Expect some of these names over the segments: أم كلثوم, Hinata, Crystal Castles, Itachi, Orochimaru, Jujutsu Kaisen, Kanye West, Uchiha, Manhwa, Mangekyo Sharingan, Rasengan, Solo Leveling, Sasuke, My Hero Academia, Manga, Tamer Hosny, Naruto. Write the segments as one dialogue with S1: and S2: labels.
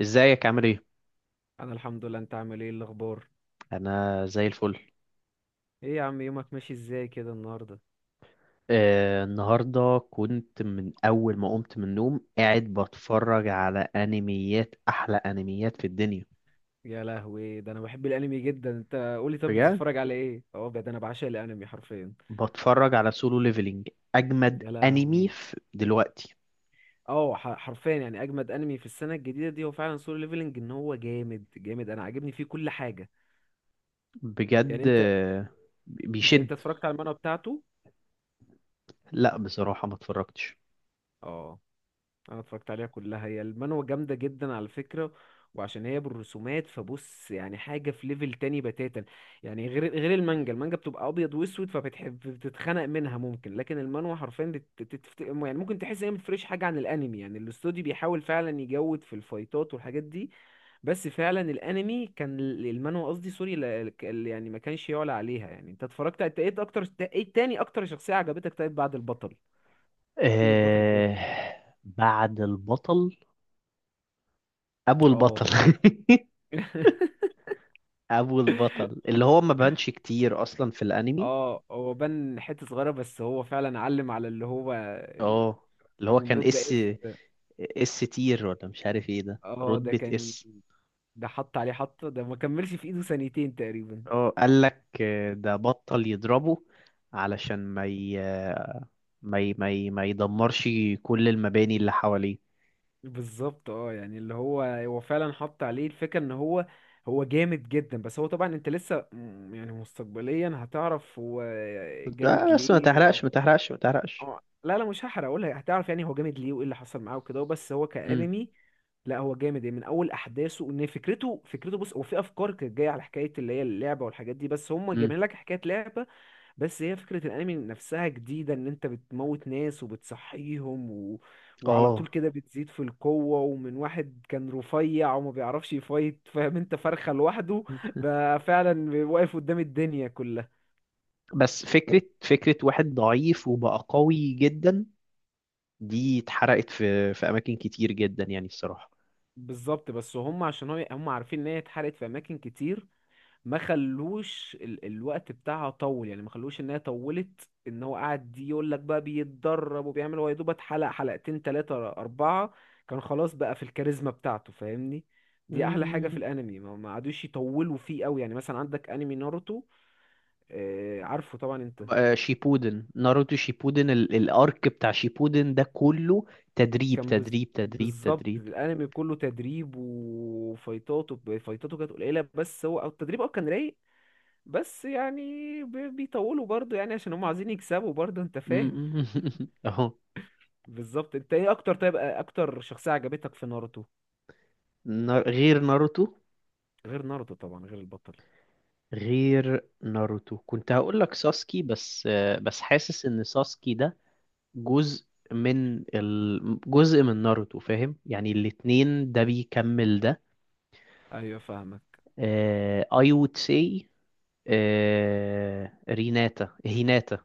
S1: ازيك عامل ايه؟
S2: انا الحمد لله. انت عامل ايه؟ إيه الاخبار؟
S1: انا زي الفل.
S2: ايه يا عم، يومك ماشي ازاي كده النهارده؟
S1: النهارده كنت من اول ما قمت من النوم قاعد بتفرج على انميات، احلى انميات في الدنيا.
S2: يا لهوي، ده انا بحب الانمي جدا. انت قولي، طب
S1: بجد.
S2: بتتفرج على ايه؟ اه ده انا بعشق الانمي حرفيا.
S1: بتفرج على سولو ليفلينج. اجمد
S2: يا
S1: انمي
S2: لهوي.
S1: في دلوقتي.
S2: حرفيا يعني اجمد انمي في السنه الجديده دي هو فعلا سولو ليفلنج. ان هو جامد جامد، انا عاجبني فيه كل حاجه. يعني
S1: بجد.
S2: انت انت انت
S1: بيشد.
S2: اتفرجت على المانهوا بتاعته؟
S1: لا، بصراحه ما اتفرجتش.
S2: اه، انا اتفرجت عليها كلها. هي المانوا جامده جدا على فكره، وعشان هي بالرسومات فبص يعني حاجه في ليفل تاني بتاتا. يعني غير المانجا بتبقى ابيض واسود فبتحب بتتخنق منها ممكن، لكن المانوا حرفيا يعني ممكن تحس ان هي متفرقش حاجه عن الانمي. يعني الاستوديو بيحاول فعلا يجود في الفايتات والحاجات دي. بس فعلا الانمي كان المانوا قصدي سوري، يعني ما كانش يعلى عليها. يعني انت اتفرجت؟ انت ايه اكتر؟ ايه تاني اكتر شخصيه عجبتك، طيب، بعد البطل؟ كده البطل جامد
S1: آه،
S2: يعني.
S1: بعد البطل. ابو
S2: اه
S1: البطل ابو البطل اللي هو ما بانش كتير اصلا في الانمي.
S2: اه. هو بان حتة صغيرة بس هو فعلا علم على اللي هو ال-
S1: اه، اللي
S2: كان
S1: هو
S2: من
S1: كان
S2: رود
S1: اس.
S2: بائس.
S1: اس تير، ولا مش عارف ايه، ده
S2: اه،
S1: رتبة اس.
S2: ده حط عليه حطة، ده ما كملش في ايده ثانيتين تقريبا.
S1: اه، قال لك ده بطل يضربه علشان ما يدمرش كل المباني اللي حواليه.
S2: بالظبط. اه، يعني اللي هو هو فعلا حط عليه الفكرة ان هو جامد جدا. بس هو طبعا انت لسه يعني مستقبليا هتعرف هو
S1: قلت
S2: جامد
S1: آه بس ما
S2: ليه.
S1: تحرقش، ما تحرقش، ما تحرقش.
S2: اه، لا لا، مش هحرق، اقولها هتعرف يعني هو جامد ليه وايه اللي حصل معاه وكده، بس هو
S1: امم.
S2: كانمي. لا، هو جامد يعني من اول احداثه، ان فكرته بص، هو في افكار كانت جايه على حكايه اللي هي اللعبه والحاجات دي، بس هم
S1: امم.
S2: جايبين لك حكايه لعبه. بس هي فكره الانمي نفسها جديده، ان انت بتموت ناس وبتصحيهم وعلى طول
S1: اه
S2: كده بتزيد في القوه، ومن واحد كان رفيع وما بيعرفش يفايت، فاهم، انت فرخه لوحده، بقى فعلا واقف قدام الدنيا كلها.
S1: بس فكرة واحد ضعيف وبقى قوي جدا، دي اتحرقت في أماكن كتير جدا يعني الصراحة.
S2: بالظبط. بس هم عشان هو هم عارفين ان هي اتحرقت في اماكن كتير، ما خلوش الوقت بتاعها طول. يعني ما خلوش ان هي طولت، ان هو قاعد يقول لك بقى بيتدرب وبيعمل، هو يا دوب اتحلق حلقتين تلاتة اربعة كان خلاص بقى في الكاريزما بتاعته، فاهمني. دي احلى حاجة في
S1: مم.
S2: الانمي، ما قعدوش يطولوا فيه قوي. يعني مثلا عندك انمي ناروتو، آه، عارفه طبعا انت.
S1: شيبودن. ناروتو شيبودن، الارك بتاع شيبودن ده كله تدريب
S2: كان بز...
S1: تدريب تدريب
S2: بالظبط،
S1: تدريب.
S2: الانمي كله تدريب، وفايتاته كانت قليله بس هو او التدريب اه كان رايق. بس يعني بيطولوا برضو، يعني عشان هم عايزين يكسبوا برضو، انت
S1: م-
S2: فاهم.
S1: م- اهو.
S2: بالظبط. انت ايه اكتر، طيب، اكتر شخصية عجبتك في ناروتو؟
S1: غير ناروتو.
S2: غير ناروتو طبعا، غير البطل.
S1: غير ناروتو كنت هقول لك ساسكي، بس بس حاسس ان ساسكي ده جزء جزء من ناروتو، فاهم؟ يعني الاتنين، ده بيكمل ده.
S2: ايوه فاهمك.
S1: I would say هيناتا.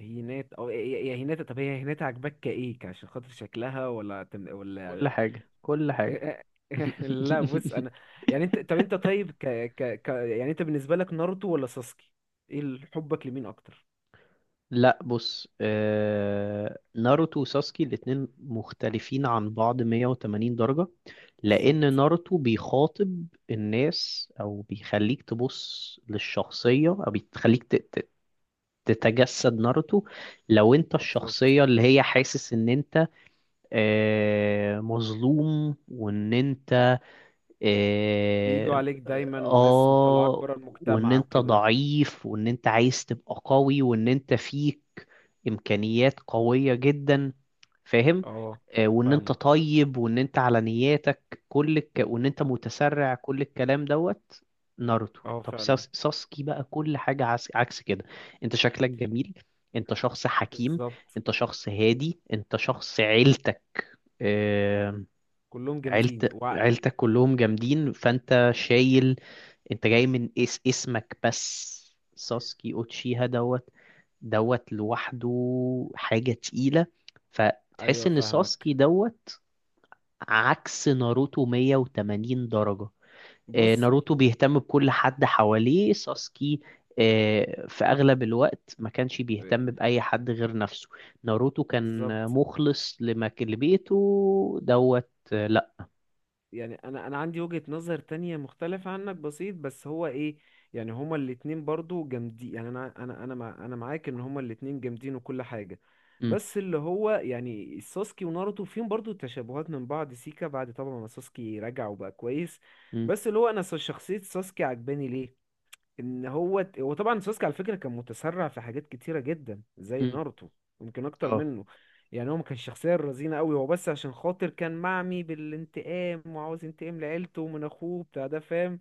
S2: هينات او يا هيناتا، طب هي هيناتا عجبك كايه عشان خاطر شكلها،
S1: كل
S2: ولا؟
S1: حاجة كل حاجة
S2: لا بص، انا يعني انت، طب انت طيب، يعني انت بالنسبة لك ناروتو ولا ساسكي؟ ايه حبك لمين اكتر؟
S1: لا بص، ناروتو وساسكي الاتنين مختلفين عن بعض 180 درجة، لأن
S2: بالظبط.
S1: ناروتو بيخاطب الناس، أو بيخليك تبص للشخصية، أو بيخليك تتجسد ناروتو، لو أنت
S2: بالظبط،
S1: الشخصية اللي هي حاسس إن أنت مظلوم، وإن أنت
S2: بيجوا
S1: إيه،
S2: عليك دايما والناس مطلعاك
S1: اه
S2: بره
S1: وان
S2: المجتمع
S1: انت
S2: وكده.
S1: ضعيف، وان انت عايز تبقى قوي، وان انت فيك امكانيات قوية جدا، فاهم؟
S2: اه
S1: وان انت
S2: فاهمك.
S1: طيب، وان انت على نياتك، وان انت متسرع، كل الكلام دوت. ناروتو.
S2: اه
S1: طب
S2: فعلا.
S1: ساسكي بقى كل حاجة عكس كده. انت شكلك جميل، انت شخص حكيم،
S2: بالظبط،
S1: انت شخص هادي، انت شخص عيلتك. آه،
S2: كلهم جامدين
S1: عيلت عيلتك كلهم جامدين، فانت شايل. انت جاي من اسمك بس. ساسكي اوتشيها دوت. دوت لوحده. حاجة تقيلة. فتحس
S2: ايوه
S1: ان
S2: فاهمك.
S1: ساسكي دوت عكس ناروتو 180 درجة.
S2: بص،
S1: ناروتو بيهتم بكل حد حواليه. ساسكي في اغلب الوقت ما كانش بيهتم باي حد غير نفسه. ناروتو كان
S2: بالظبط،
S1: مخلص لبيته دوت. لا.
S2: يعني انا عندي وجهة نظر تانية مختلفة عنك بسيط بس هو ايه. يعني هما الاتنين برضو جامدين، يعني انا معاك ان هما الاتنين جامدين وكل حاجة.
S1: م-
S2: بس اللي هو يعني ساسكي وناروتو فيهم برضو تشابهات من بعض سيكا، بعد طبعا ما ساسكي رجع وبقى كويس.
S1: م-
S2: بس اللي هو انا شخصية ساسكي عجباني ليه، ان هو طبعا سوسكي على فكره كان متسرع في حاجات كتيره جدا زي
S1: م.
S2: ناروتو، يمكن اكتر
S1: اه
S2: منه. يعني هو ما كانش شخصيه رزينه قوي، هو بس عشان خاطر كان معمي بالانتقام وعاوز ينتقم لعيلته ومن اخوه بتاع ده، فاهم؟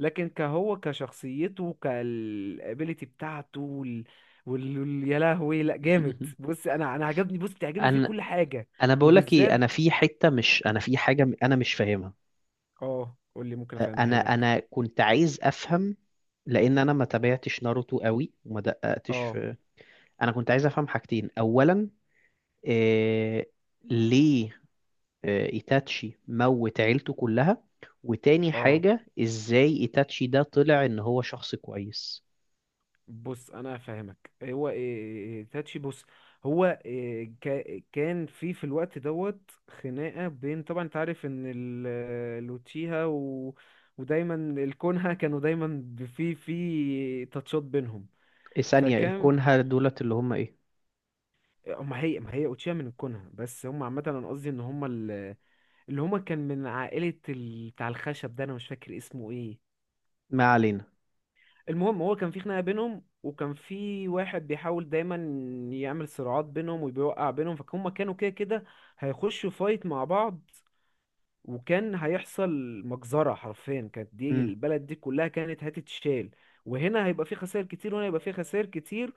S2: لكن كهو كشخصيته كالابيليتي بتاعته يا لهوي لا جامد. بص انا انا عجبني بص بتعجبني فيه
S1: انا
S2: كل حاجه،
S1: انا بقول لك ايه،
S2: وبالذات.
S1: انا في حته، مش، انا في حاجه، انا مش فاهمها.
S2: اه، قول لي ممكن افهمها
S1: انا
S2: لك.
S1: انا كنت عايز افهم، لان انا ما تابعتش ناروتو قوي، وما دققتش
S2: اه
S1: في. انا كنت عايز افهم حاجتين. اولا، إيه... ليه ايتاتشي موت عيلته كلها؟ وتاني
S2: اه،
S1: حاجه، ازاي ايتاتشي ده طلع ان هو شخص كويس؟
S2: بص انا فاهمك. هو إيه تاتشي، بص، هو إيه كان في في الوقت دوت خناقه، بين، طبعا انت عارف ان لوتشيها ودايما الكونها كانوا دايما في تاتشات بينهم.
S1: إيه ثانيه،
S2: فكان،
S1: الكونها دولت اللي هم ايه؟
S2: آه، ما هي اوتشيها من الكونها بس هم عامه، انا قصدي ان هم اللي هم كان من عائله بتاع الخشب ده انا مش فاكر اسمه ايه.
S1: ما علينا.
S2: المهم، هو كان في خناقة بينهم، وكان في واحد بيحاول دايما يعمل صراعات بينهم وبيوقع بينهم، فهم كانوا كده كده هيخشوا فايت مع بعض، وكان هيحصل مجزرة حرفيا كانت، دي
S1: امم.
S2: البلد دي كلها كانت هتتشال. وهنا هيبقى في خسائر كتير،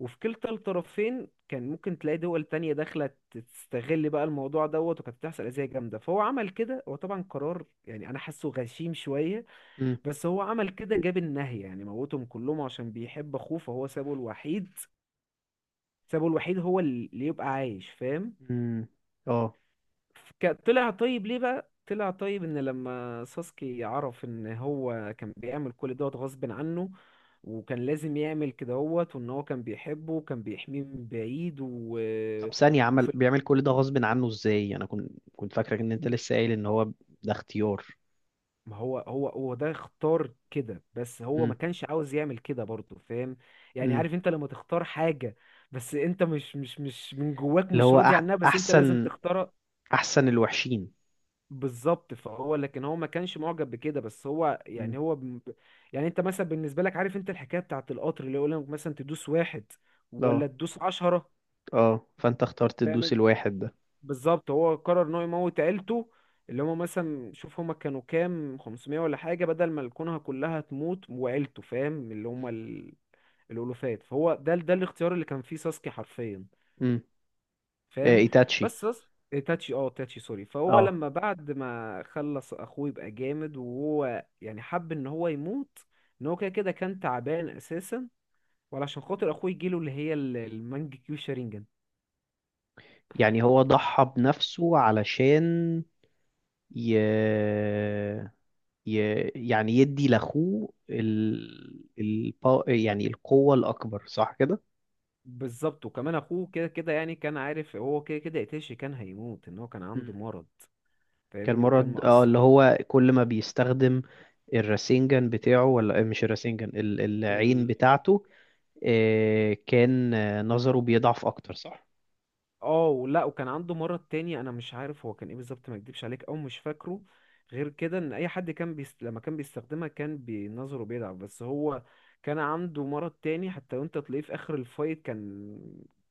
S2: وفي كلتا الطرفين كان ممكن تلاقي دول تانية داخلة تستغل بقى الموضوع دوت، وكانت بتحصل أذية جامدة. فهو عمل كده، هو طبعا قرار، يعني أنا حاسه غشيم شوية،
S1: امم.
S2: بس هو عمل كده، جاب النهي يعني موتهم كلهم عشان بيحب اخوه فهو سابه الوحيد، سابه الوحيد هو اللي يبقى عايش، فاهم؟
S1: امم. اه.
S2: طلع طيب ليه بقى، طلع طيب ان لما ساسكي عرف ان هو كان بيعمل كل دوت غصب عنه، وكان لازم يعمل كده هوت، وان هو كان بيحبه وكان بيحميه من بعيد
S1: طب ثانية،
S2: وفي.
S1: بيعمل كل ده غصب عنه ازاي؟ انا كنت فاكرك ان انت لسه قايل ان هو ده اختيار.
S2: ما هو هو ده اختار كده، بس هو ما
S1: امم.
S2: كانش عاوز يعمل كده برضه، فاهم؟ يعني
S1: امم.
S2: عارف انت لما تختار حاجة بس انت مش من جواك
S1: اللي
S2: مش
S1: هو
S2: راضي عنها، بس انت لازم
S1: احسن،
S2: تختارها.
S1: احسن الوحشين.
S2: بالظبط. فهو لكن هو ما كانش معجب بكده، بس هو
S1: امم.
S2: يعني يعني انت مثلا بالنسبة لك عارف انت الحكاية بتاعت القطر اللي يقول لك مثلا تدوس واحد ولا
S1: اه.
S2: تدوس عشرة،
S1: اه، فانت اخترت تدوس
S2: فاهم؟
S1: الواحد ده.
S2: بالظبط، هو قرر ان هو يموت عيلته، اللي هما مثلا شوف هما كانوا كام، 500 ولا حاجة، بدل ما الكونها كلها تموت وعيلته، فاهم؟ اللي هما
S1: مم.
S2: الألوفات. فهو ده الاختيار اللي كان فيه ساسكي حرفيا،
S1: امم. آه
S2: فاهم؟
S1: ايتاتشي.
S2: بس ساس... إيه، تاتشي، اه تاتشي سوري. فهو
S1: اه،
S2: لما بعد ما خلص اخوه يبقى جامد، وهو يعني حب ان هو يموت، ان هو كده كده كان تعبان اساسا، وعلشان خاطر اخوه يجيله اللي هي المانج كيو شارينجان.
S1: يعني هو ضحى بنفسه علشان ي... ي... يعني يدي لاخوه يعني القوة الاكبر، صح كده؟
S2: بالظبط، وكمان اخوه كده كده يعني كان عارف هو كده كده قتيش كان هيموت، ان هو كان عنده مرض،
S1: كان
S2: فاهمني، وكان
S1: مرض. اه،
S2: مقص
S1: اللي هو كل ما بيستخدم الراسينجان بتاعه، ولا مش الراسينجان، العين
S2: ال...
S1: بتاعته. كان نظره بيضعف اكتر، صح؟
S2: اه، ولا وكان عنده مرض تاني انا مش عارف هو كان ايه بالظبط، ما اكدبش عليك او مش فاكره. غير كده ان اي حد كان لما كان بيستخدمها كان بنظره بيضعف، بس هو كان عنده مرض تاني حتى، وانت تلاقيه في اخر الفايت كان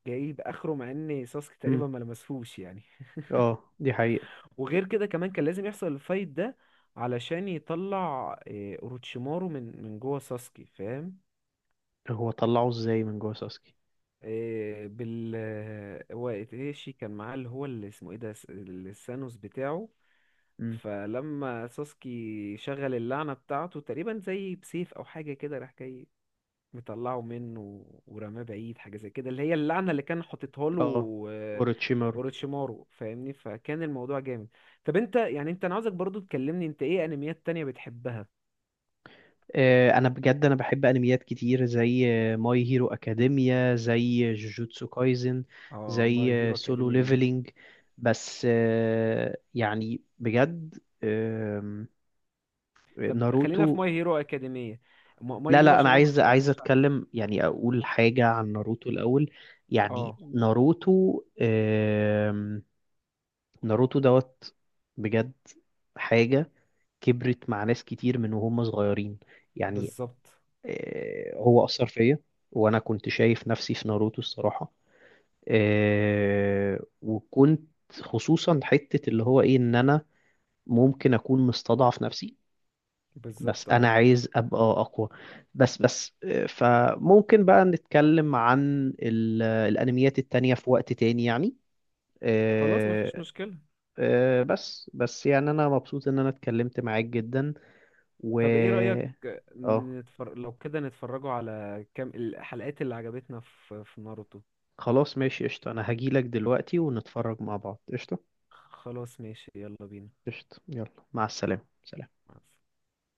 S2: جايب اخره مع ان ساسكي تقريبا
S1: امم.
S2: ما لمسهوش يعني.
S1: اه، دي حقيقة.
S2: وغير كده كمان كان لازم يحصل الفايت ده علشان يطلع إيه، اوروتشيمارو من جوه ساسكي، فاهم؟
S1: هو طلعه ازاي من جوه ساسكي؟
S2: إيه، بال آه، هو ايتاشي كان معاه اللي هو اللي اسمه ايه ده، السانوس بتاعه.
S1: امم.
S2: فلما ساسكي شغل اللعنة بتاعته تقريبا زي بسيف او حاجة كده، راح جاي مطلعه منه ورماه بعيد، حاجة زي كده، اللي هي اللعنة اللي كان حاططها له.
S1: اه.
S2: آه،
S1: اوروتشيمارو.
S2: اوروتشيمارو، فاهمني. فكان الموضوع جامد. طب انت يعني، انا عاوزك برضو تكلمني انت ايه انميات تانية بتحبها.
S1: انا بجد انا بحب انميات كتير، زي ماي هيرو اكاديميا، زي جوجوتسو كايزن،
S2: اه، ماي
S1: زي
S2: هيرو
S1: سولو
S2: اكاديمية.
S1: ليفلينج، بس يعني بجد. آم،
S2: طب
S1: ناروتو.
S2: خلينا في ماي هيرو اكاديمية، ماي
S1: لا
S2: هيرو،
S1: لا،
S2: عشان
S1: انا
S2: انا ما
S1: عايز،
S2: اتفرجتش عليه.
S1: اتكلم، يعني اقول حاجة عن ناروتو الاول. يعني
S2: اه.
S1: ناروتو ناروتو دوت. بجد حاجة. كبرت مع ناس كتير من وهم صغيرين. يعني
S2: بالظبط.
S1: هو اثر فيا، وانا كنت شايف نفسي في ناروتو الصراحة. وكنت خصوصا حتة اللي هو ايه، ان انا ممكن اكون مستضعف نفسي، بس
S2: بالظبط.
S1: انا
S2: اه.
S1: عايز ابقى اقوى. بس فممكن بقى نتكلم عن الانميات التانية في وقت تاني يعني.
S2: خلاص مفيش
S1: آه،
S2: مشكلة.
S1: بس يعني انا مبسوط ان انا اتكلمت معاك جدا. و
S2: طب ايه رأيك،
S1: اه،
S2: لو كده نتفرجوا على كام الحلقات اللي عجبتنا في ناروتو.
S1: خلاص ماشي قشطة، انا هجيلك دلوقتي ونتفرج مع بعض. قشطة.
S2: خلاص ماشي، يلا بينا.
S1: قشطة، يلا، مع السلامة، سلام.
S2: مع السلامة.